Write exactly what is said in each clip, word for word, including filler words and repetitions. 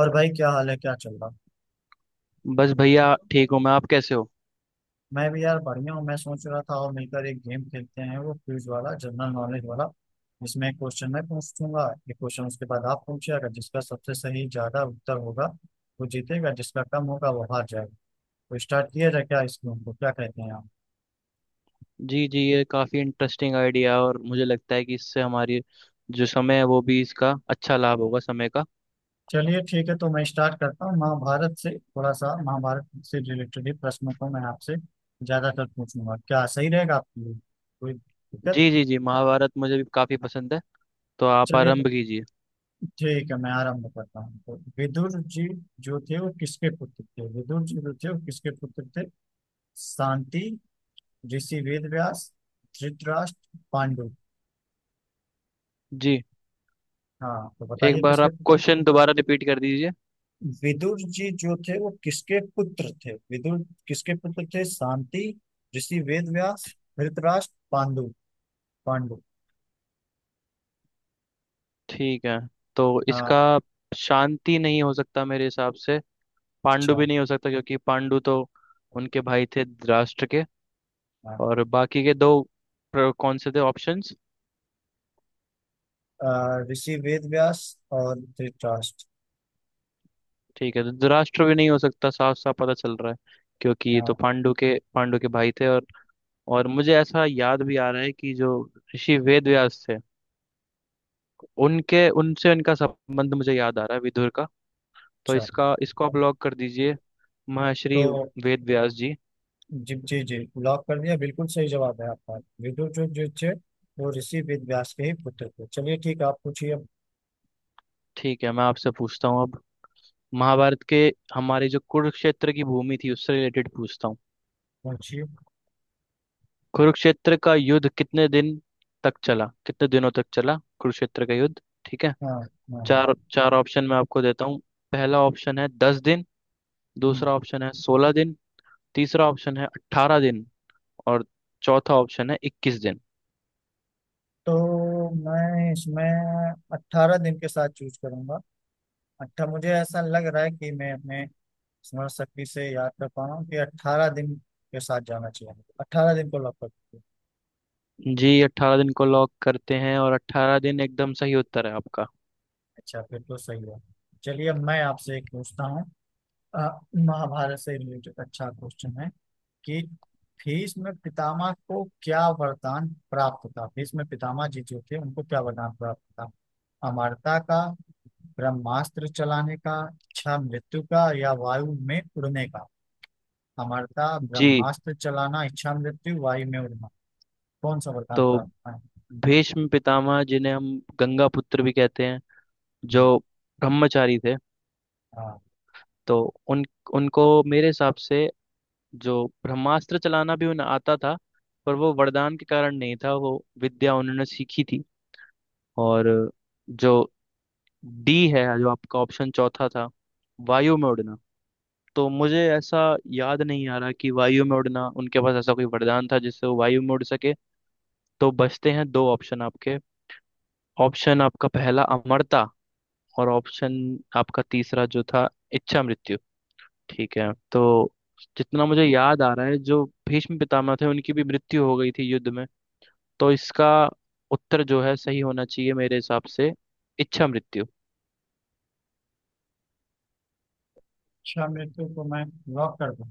और भाई क्या हाल है, क्या चल रहा। बस भैया ठीक हूँ मैं। आप कैसे हो? मैं भी यार बढ़िया हूँ। मैं सोच रहा था और मिलकर एक गेम खेलते हैं, वो क्विज वाला, जनरल नॉलेज वाला, जिसमें एक क्वेश्चन मैं पूछूंगा, एक क्वेश्चन उसके बाद आप पूछिए। अगर जिसका सबसे सही ज्यादा उत्तर होगा वो जीतेगा, जिसका कम होगा वो हार जाएगा। तो स्टार्ट किया जाए क्या इस गेम को, क्या कहते हैं आप। जी जी, ये काफ़ी इंटरेस्टिंग आइडिया है और मुझे लगता है कि इससे हमारी जो समय है वो भी इसका अच्छा लाभ होगा, समय का। चलिए ठीक है, तो मैं स्टार्ट करता हूँ महाभारत से। थोड़ा सा महाभारत से रिलेटेड ही प्रश्नों को मैं आपसे ज्यादातर पूछूंगा, क्या सही रहेगा आपके लिए? कोई दिक्कत? जी जी जी, महाभारत मुझे भी काफ़ी पसंद है, तो आप चलिए, तो आरंभ कीजिए। ठीक है मैं आरंभ करता हूँ। तो विदुर जी जो थे वो किसके पुत्र थे? विदुर जी जो थे वो किसके पुत्र थे? शांति, ऋषि वेदव्यास, धृतराष्ट्र, पांडु। जी। हाँ तो एक बताइए बार किसके आप पुत्र। क्वेश्चन दोबारा रिपीट कर दीजिए। विदुर जी जो थे वो किसके पुत्र थे? विदुर किसके पुत्र थे? शांति, ऋषि वेदव्यास, धृतराष्ट्र, पांडु। पांडु। ठीक है, तो हाँ। इसका शांति नहीं हो सकता मेरे हिसाब से। पांडु अच्छा। भी नहीं हो सकता क्योंकि पांडु तो उनके भाई थे धृतराष्ट्र के। हाँ। और बाकी के दो प्र- कौन से थे ऑप्शंस? अ, ऋषि वेदव्यास और धृतराष्ट्र। ठीक है, तो धृतराष्ट्र भी नहीं हो सकता, साफ साफ पता चल रहा है, क्योंकि ये तो हाँ। पांडु के पांडु के भाई थे। और और मुझे ऐसा याद भी आ रहा है कि जो ऋषि वेद व्यास थे, उनके उनसे उनका संबंध मुझे याद आ रहा है विदुर का। तो अच्छा। इसका इसको आप लॉक कर दीजिए, तो महर्षि वेद व्यास जी। जी जी जी, लॉक कर दिया। बिल्कुल सही जवाब है आपका। विदुर जो जो थे वो ऋषि वेदव्यास के ही पुत्र थे। चलिए ठीक है, आप पूछिए अब। ठीक है, मैं आपसे पूछता हूँ अब। महाभारत के हमारे जो कुरुक्षेत्र की भूमि थी, उससे रिलेटेड पूछता हूँ। पूछिए। कुरुक्षेत्र का युद्ध कितने दिन तक चला, कितने दिनों तक चला कुरुक्षेत्र का युद्ध? ठीक है। हाँ। हाँ हाँ। चार चार ऑप्शन मैं आपको देता हूँ। पहला ऑप्शन है दस दिन। हम्म। दूसरा ऑप्शन है सोलह दिन। तीसरा ऑप्शन है अट्ठारह दिन। और चौथा ऑप्शन है इक्कीस दिन। तो मैं इसमें अट्ठारह दिन के साथ चूज करूंगा। अट्ठा मुझे ऐसा लग रहा है कि मैं अपने स्मरण शक्ति से याद कर पा रहा हूँ कि अट्ठारह दिन के साथ जाना चाहिए मुझे। अट्ठारह दिन को लॉक कर दीजिए। जी, अट्ठारह दिन को लॉक करते हैं, और अट्ठारह दिन एकदम सही उत्तर है आपका। अच्छा, फिर तो सही है। चलिए अब मैं आपसे एक पूछता हूँ। अ, महाभारत से रिलेटेड अच्छा क्वेश्चन है कि भीष्म में पितामह को क्या वरदान प्राप्त था? भीष्म में पितामह जी जो थे उनको क्या वरदान प्राप्त था? अमरता का, ब्रह्मास्त्र चलाने का, इच्छा मृत्यु का, या वायु में उड़ने का। अमरता, जी। ब्रह्मास्त्र चलाना, इच्छा मृत्यु, वायु में उड़ना। कौन सा वरदान तो प्राप्त था? भीष्म पितामह, जिन्हें हम गंगा पुत्र भी कहते हैं, हम्म। जो ब्रह्मचारी थे, हाँ। तो उन उनको मेरे हिसाब से जो ब्रह्मास्त्र चलाना भी उन्हें आता था, पर वो वरदान के कारण नहीं था, वो विद्या उन्होंने सीखी थी। और जो डी है, जो आपका ऑप्शन चौथा था, वायु में उड़ना, तो मुझे ऐसा याद नहीं आ रहा कि वायु में उड़ना उनके पास ऐसा कोई वरदान था जिससे वो वायु में उड़ सके। तो बचते हैं दो ऑप्शन आपके। ऑप्शन आपका पहला अमरता, और ऑप्शन आपका तीसरा जो था इच्छा मृत्यु। ठीक है। तो जितना मुझे याद आ रहा है, जो भीष्म पितामह थे उनकी भी मृत्यु हो गई थी युद्ध में, तो इसका उत्तर जो है सही होना चाहिए मेरे हिसाब से, इच्छा मृत्यु। इच्छा मृत्यु को मैं लॉक कर दूं?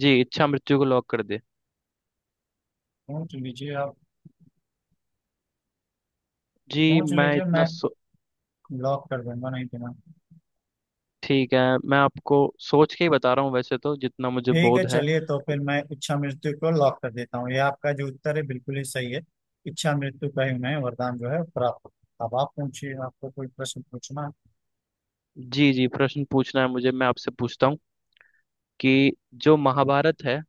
जी, इच्छा मृत्यु को लॉक कर दे। सोच लीजिए आप। जी, सोच मैं लीजिए, इतना मैं सो... लॉक कर दूंगा, नहीं तो ना। ठीक है। मैं आपको सोच के ही बता रहा हूँ, वैसे तो जितना मुझे ठीक है, बोध है। चलिए तो फिर मैं इच्छा मृत्यु को लॉक कर देता हूँ। ये आपका जो उत्तर है बिल्कुल ही सही है। इच्छा मृत्यु का ही उन्हें वरदान जो है प्राप्त होता है। अब आप पूछिए, आपको कोई प्रश्न पूछना है? जी जी, प्रश्न पूछना है मुझे। मैं आपसे पूछता हूँ कि जो महाभारत है,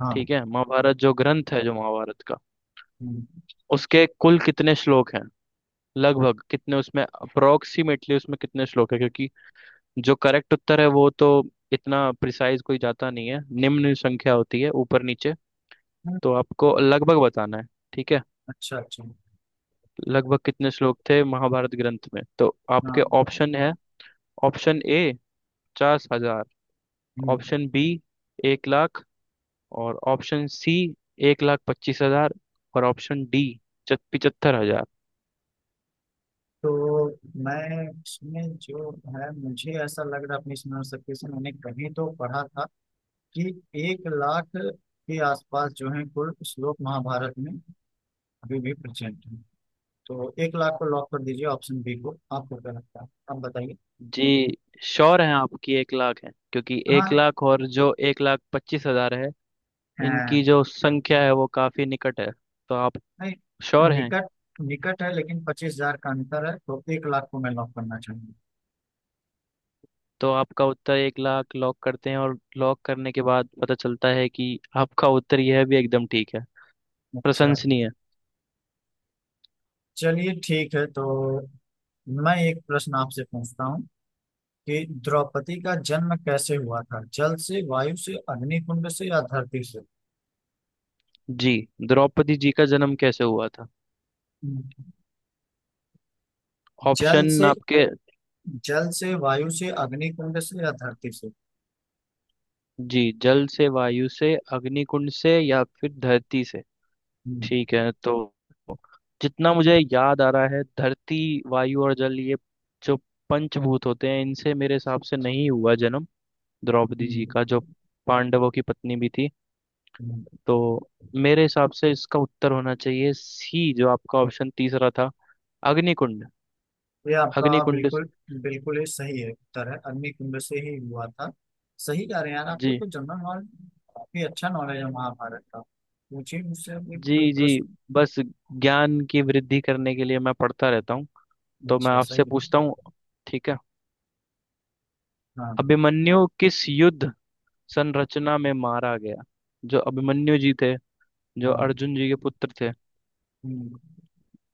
हाँ। ठीक है, महाभारत जो ग्रंथ है, जो महाभारत का हम्म। उसके कुल कितने श्लोक हैं, लगभग कितने उसमें, अप्रोक्सीमेटली उसमें कितने श्लोक है? क्योंकि जो करेक्ट उत्तर है वो तो इतना प्रिसाइज कोई जाता नहीं है, निम्न संख्या होती है ऊपर नीचे, हम्म। तो आपको लगभग बताना है। ठीक है। अच्छा अच्छा। लगभग कितने श्लोक थे महाभारत ग्रंथ में, तो आपके हाँ। ऑप्शन है। ऑप्शन ए पचास हजार। हम्म। ऑप्शन बी एक लाख। और ऑप्शन सी एक लाख पच्चीस हजार। और ऑप्शन डी पिचहत्तर हजार। तो मैं इसमें जो है मुझे ऐसा लग रहा है अपनी स्मरण शक्ति से मैंने कहीं तो पढ़ा था कि एक लाख के आसपास जो है कुल श्लोक महाभारत में अभी भी प्रेजेंट है। तो एक लाख को लॉक कर दीजिए, ऑप्शन बी को। आपको क्या लगता है, आप बताइए। जी, श्योर है आपकी एक लाख है? क्योंकि एक हाँ लाख और जो एक लाख पच्चीस हजार है, है। इनकी जो संख्या है वो काफी निकट है, तो आप नहीं श्योर हैं? निकट। निकट है लेकिन पच्चीस हजार का अंतर है, तो एक लाख को मैं लॉक करना चाहूंगा। तो आपका उत्तर एक लाख लॉक करते हैं और लॉक करने के बाद पता चलता है कि आपका उत्तर यह भी एकदम ठीक है, अच्छा। प्रशंसनीय। चलिए ठीक है, तो मैं एक प्रश्न आपसे पूछता हूँ कि द्रौपदी का जन्म कैसे हुआ था? जल से, वायु से, अग्निकुंड से, या धरती से? जी, द्रौपदी जी का जन्म कैसे हुआ था, जल ऑप्शन से। आपके। जल से, वायु से, अग्निकुंड से, या धरती से। जी, जल से, वायु से, अग्निकुंड से या फिर धरती से। हम्म। ठीक है, तो जितना मुझे याद आ रहा है, धरती, वायु और जल, ये जो पंचभूत होते हैं, इनसे मेरे हिसाब से नहीं हुआ जन्म द्रौपदी जी का, जो पांडवों की पत्नी भी थी। हम्म। तो मेरे हिसाब से इसका उत्तर होना चाहिए सी, जो आपका ऑप्शन तीसरा था, अग्निकुंड। ये आपका अग्निकुंड। बिल्कुल, बिल्कुल ही सही है उत्तर है। अग्नि कुंड से ही हुआ था। सही कह रहे हैं यार आपको जी तो जनरल नॉलेज काफी अच्छा नॉलेज है महाभारत का। पूछिए मुझसे अभी जी कोई जी। प्रश्न। बस, ज्ञान की वृद्धि करने के लिए मैं पढ़ता रहता हूँ। तो मैं अच्छा, सही आपसे है। पूछता हूँ, ठीक है, हाँ। अभिमन्यु किस युद्ध संरचना में मारा गया? जो अभिमन्यु जी थे, जो हाँ। अर्जुन जी के पुत्र थे, हम्म।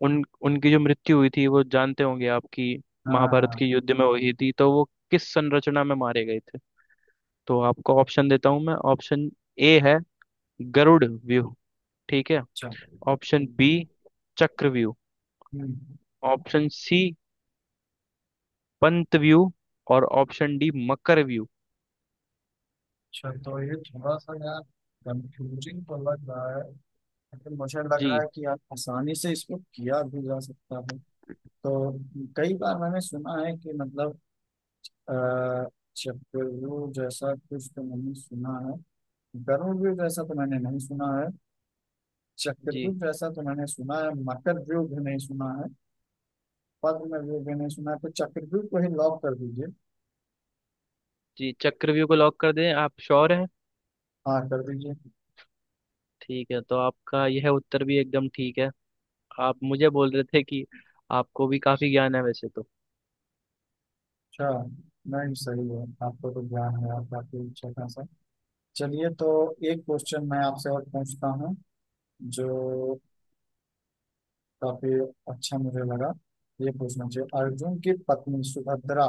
उन उनकी जो मृत्यु हुई थी, वो जानते होंगे आपकी, हाँ महाभारत के हाँ। युद्ध में हुई थी, तो वो किस संरचना में मारे गए थे? तो आपको ऑप्शन देता हूँ मैं। ऑप्शन ए है गरुड़ व्यूह। ठीक है। अच्छा। ऑप्शन बी चक्रव्यूह। हम्म। ऑप्शन सी पंत व्यू। और ऑप्शन डी मकर व्यू। अच्छा, तो ये थोड़ा सा यार कंफ्यूजिंग तो लग रहा है, लेकिन मुझे लग रहा है जी कि आप आसानी से इसको किया भी जा सकता है। तो कई बार मैंने सुना है कि मतलब, अ, चक्रव्यूह जैसा कुछ तो मैंने सुना है, गरुड़ जैसा तो मैंने नहीं सुना है। जी। चक्रव्यूह जैसा तो मैंने सुना है, मकर व्यूह भी नहीं सुना है, पद्म व्यूह भी नहीं सुना है। तो चक्रव्यूह को ही लॉक कर दीजिए। जी चक्रव्यूह को लॉक कर दें? आप श्योर हैं? हाँ, कर दीजिए। ठीक है, तो आपका यह उत्तर भी एकदम ठीक है। आप मुझे बोल रहे थे कि आपको भी काफी ज्ञान है वैसे तो। अच्छा, नहीं सही है। आपको तो ज्ञान है आपका काफी अच्छा खासा। चलिए तो एक क्वेश्चन मैं आपसे और पूछता हूँ जो काफी अच्छा मुझे लगा, ये पूछना चाहिए। अर्जुन की पत्नी सुभद्रा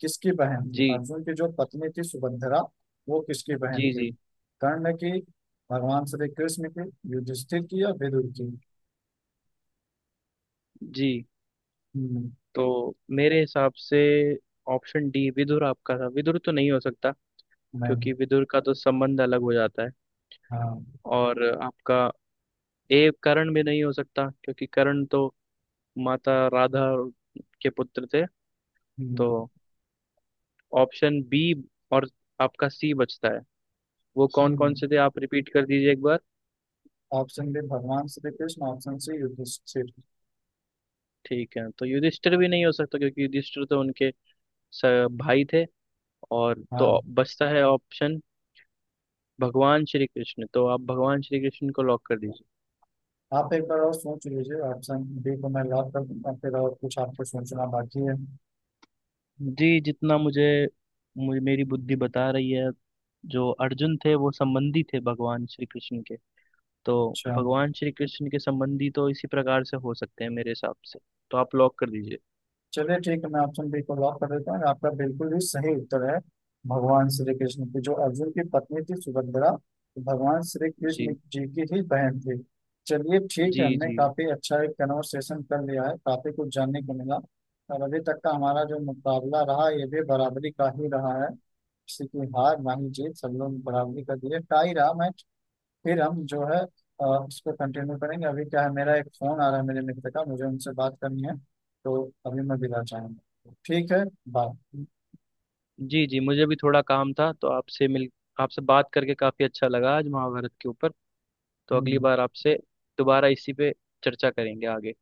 किसकी बहन थी? जी अर्जुन की जो पत्नी थी सुभद्रा वो किसकी बहन जी थी? जी कर्ण की, भगवान श्री कृष्ण की, युधिष्ठिर की, या विदुर की। जी। हम्म। तो मेरे हिसाब से ऑप्शन डी विदुर आपका था, विदुर तो नहीं हो सकता नहीं। क्योंकि विदुर का तो संबंध अलग हो जाता है। हाँ। और आपका ए करण भी नहीं हो सकता क्योंकि करण तो माता राधा के पुत्र थे। हम्म। तो ऑप्शन बी और आपका सी बचता है। वो कौन कौन से थे, हम्म। आप रिपीट कर दीजिए एक बार। ऑप्शन बी भगवान श्री कृष्ण, ऑप्शन सी युधिष्ठिर। ठीक है, तो युधिष्ठिर भी नहीं हो सकता क्योंकि युधिष्ठिर तो उनके स- भाई थे। और तो हाँ। बचता है ऑप्शन भगवान श्री कृष्ण। तो आप भगवान श्री कृष्ण को लॉक कर दीजिए। आप एक बार और सोच लीजिए, ऑप्शन बी को मैं लॉक कर दूंगा, फिर और कुछ आपको सोचना बाकी है। जी, जितना मुझे मुझे मेरी बुद्धि बता रही है, जो अर्जुन थे वो संबंधी थे भगवान श्री कृष्ण के, तो अच्छा। भगवान श्री कृष्ण के संबंधी तो इसी प्रकार से हो सकते हैं मेरे हिसाब से, तो आप लॉक कर दीजिए। चलिए ठीक है, मैं ऑप्शन बी को लॉक कर देता हूँ। आपका बिल्कुल ही सही उत्तर है। भगवान श्री कृष्ण की, जो अर्जुन की पत्नी थी सुभद्रा, तो भगवान श्री कृष्ण जी जी की ही बहन थी। चलिए ठीक जी है, हमने जी काफी अच्छा एक कन्वर्सेशन कर लिया है, काफी कुछ जानने को मिला। और अभी तक का हमारा जो मुकाबला रहा, ये भी बराबरी का ही रहा है, किसी की हार ना ही जीत, सब लोग बराबरी का दिए, टाई रहा। मैं फिर हम जो है, अ, उसको कंटिन्यू करेंगे। अभी क्या है, मेरा एक फोन आ रहा है मेरे मित्र का, मुझे उनसे बात करनी है। तो अभी मैं विदा चाहूंगा, ठीक है। बाय। जी। जी, मुझे भी थोड़ा काम था, तो आपसे मिल आपसे बात करके काफ़ी अच्छा लगा आज महाभारत के ऊपर। तो अगली हम्म। बार आपसे दोबारा इसी पे चर्चा करेंगे आगे,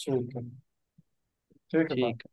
ठीक है। ठीक है, ठीक बाय। है।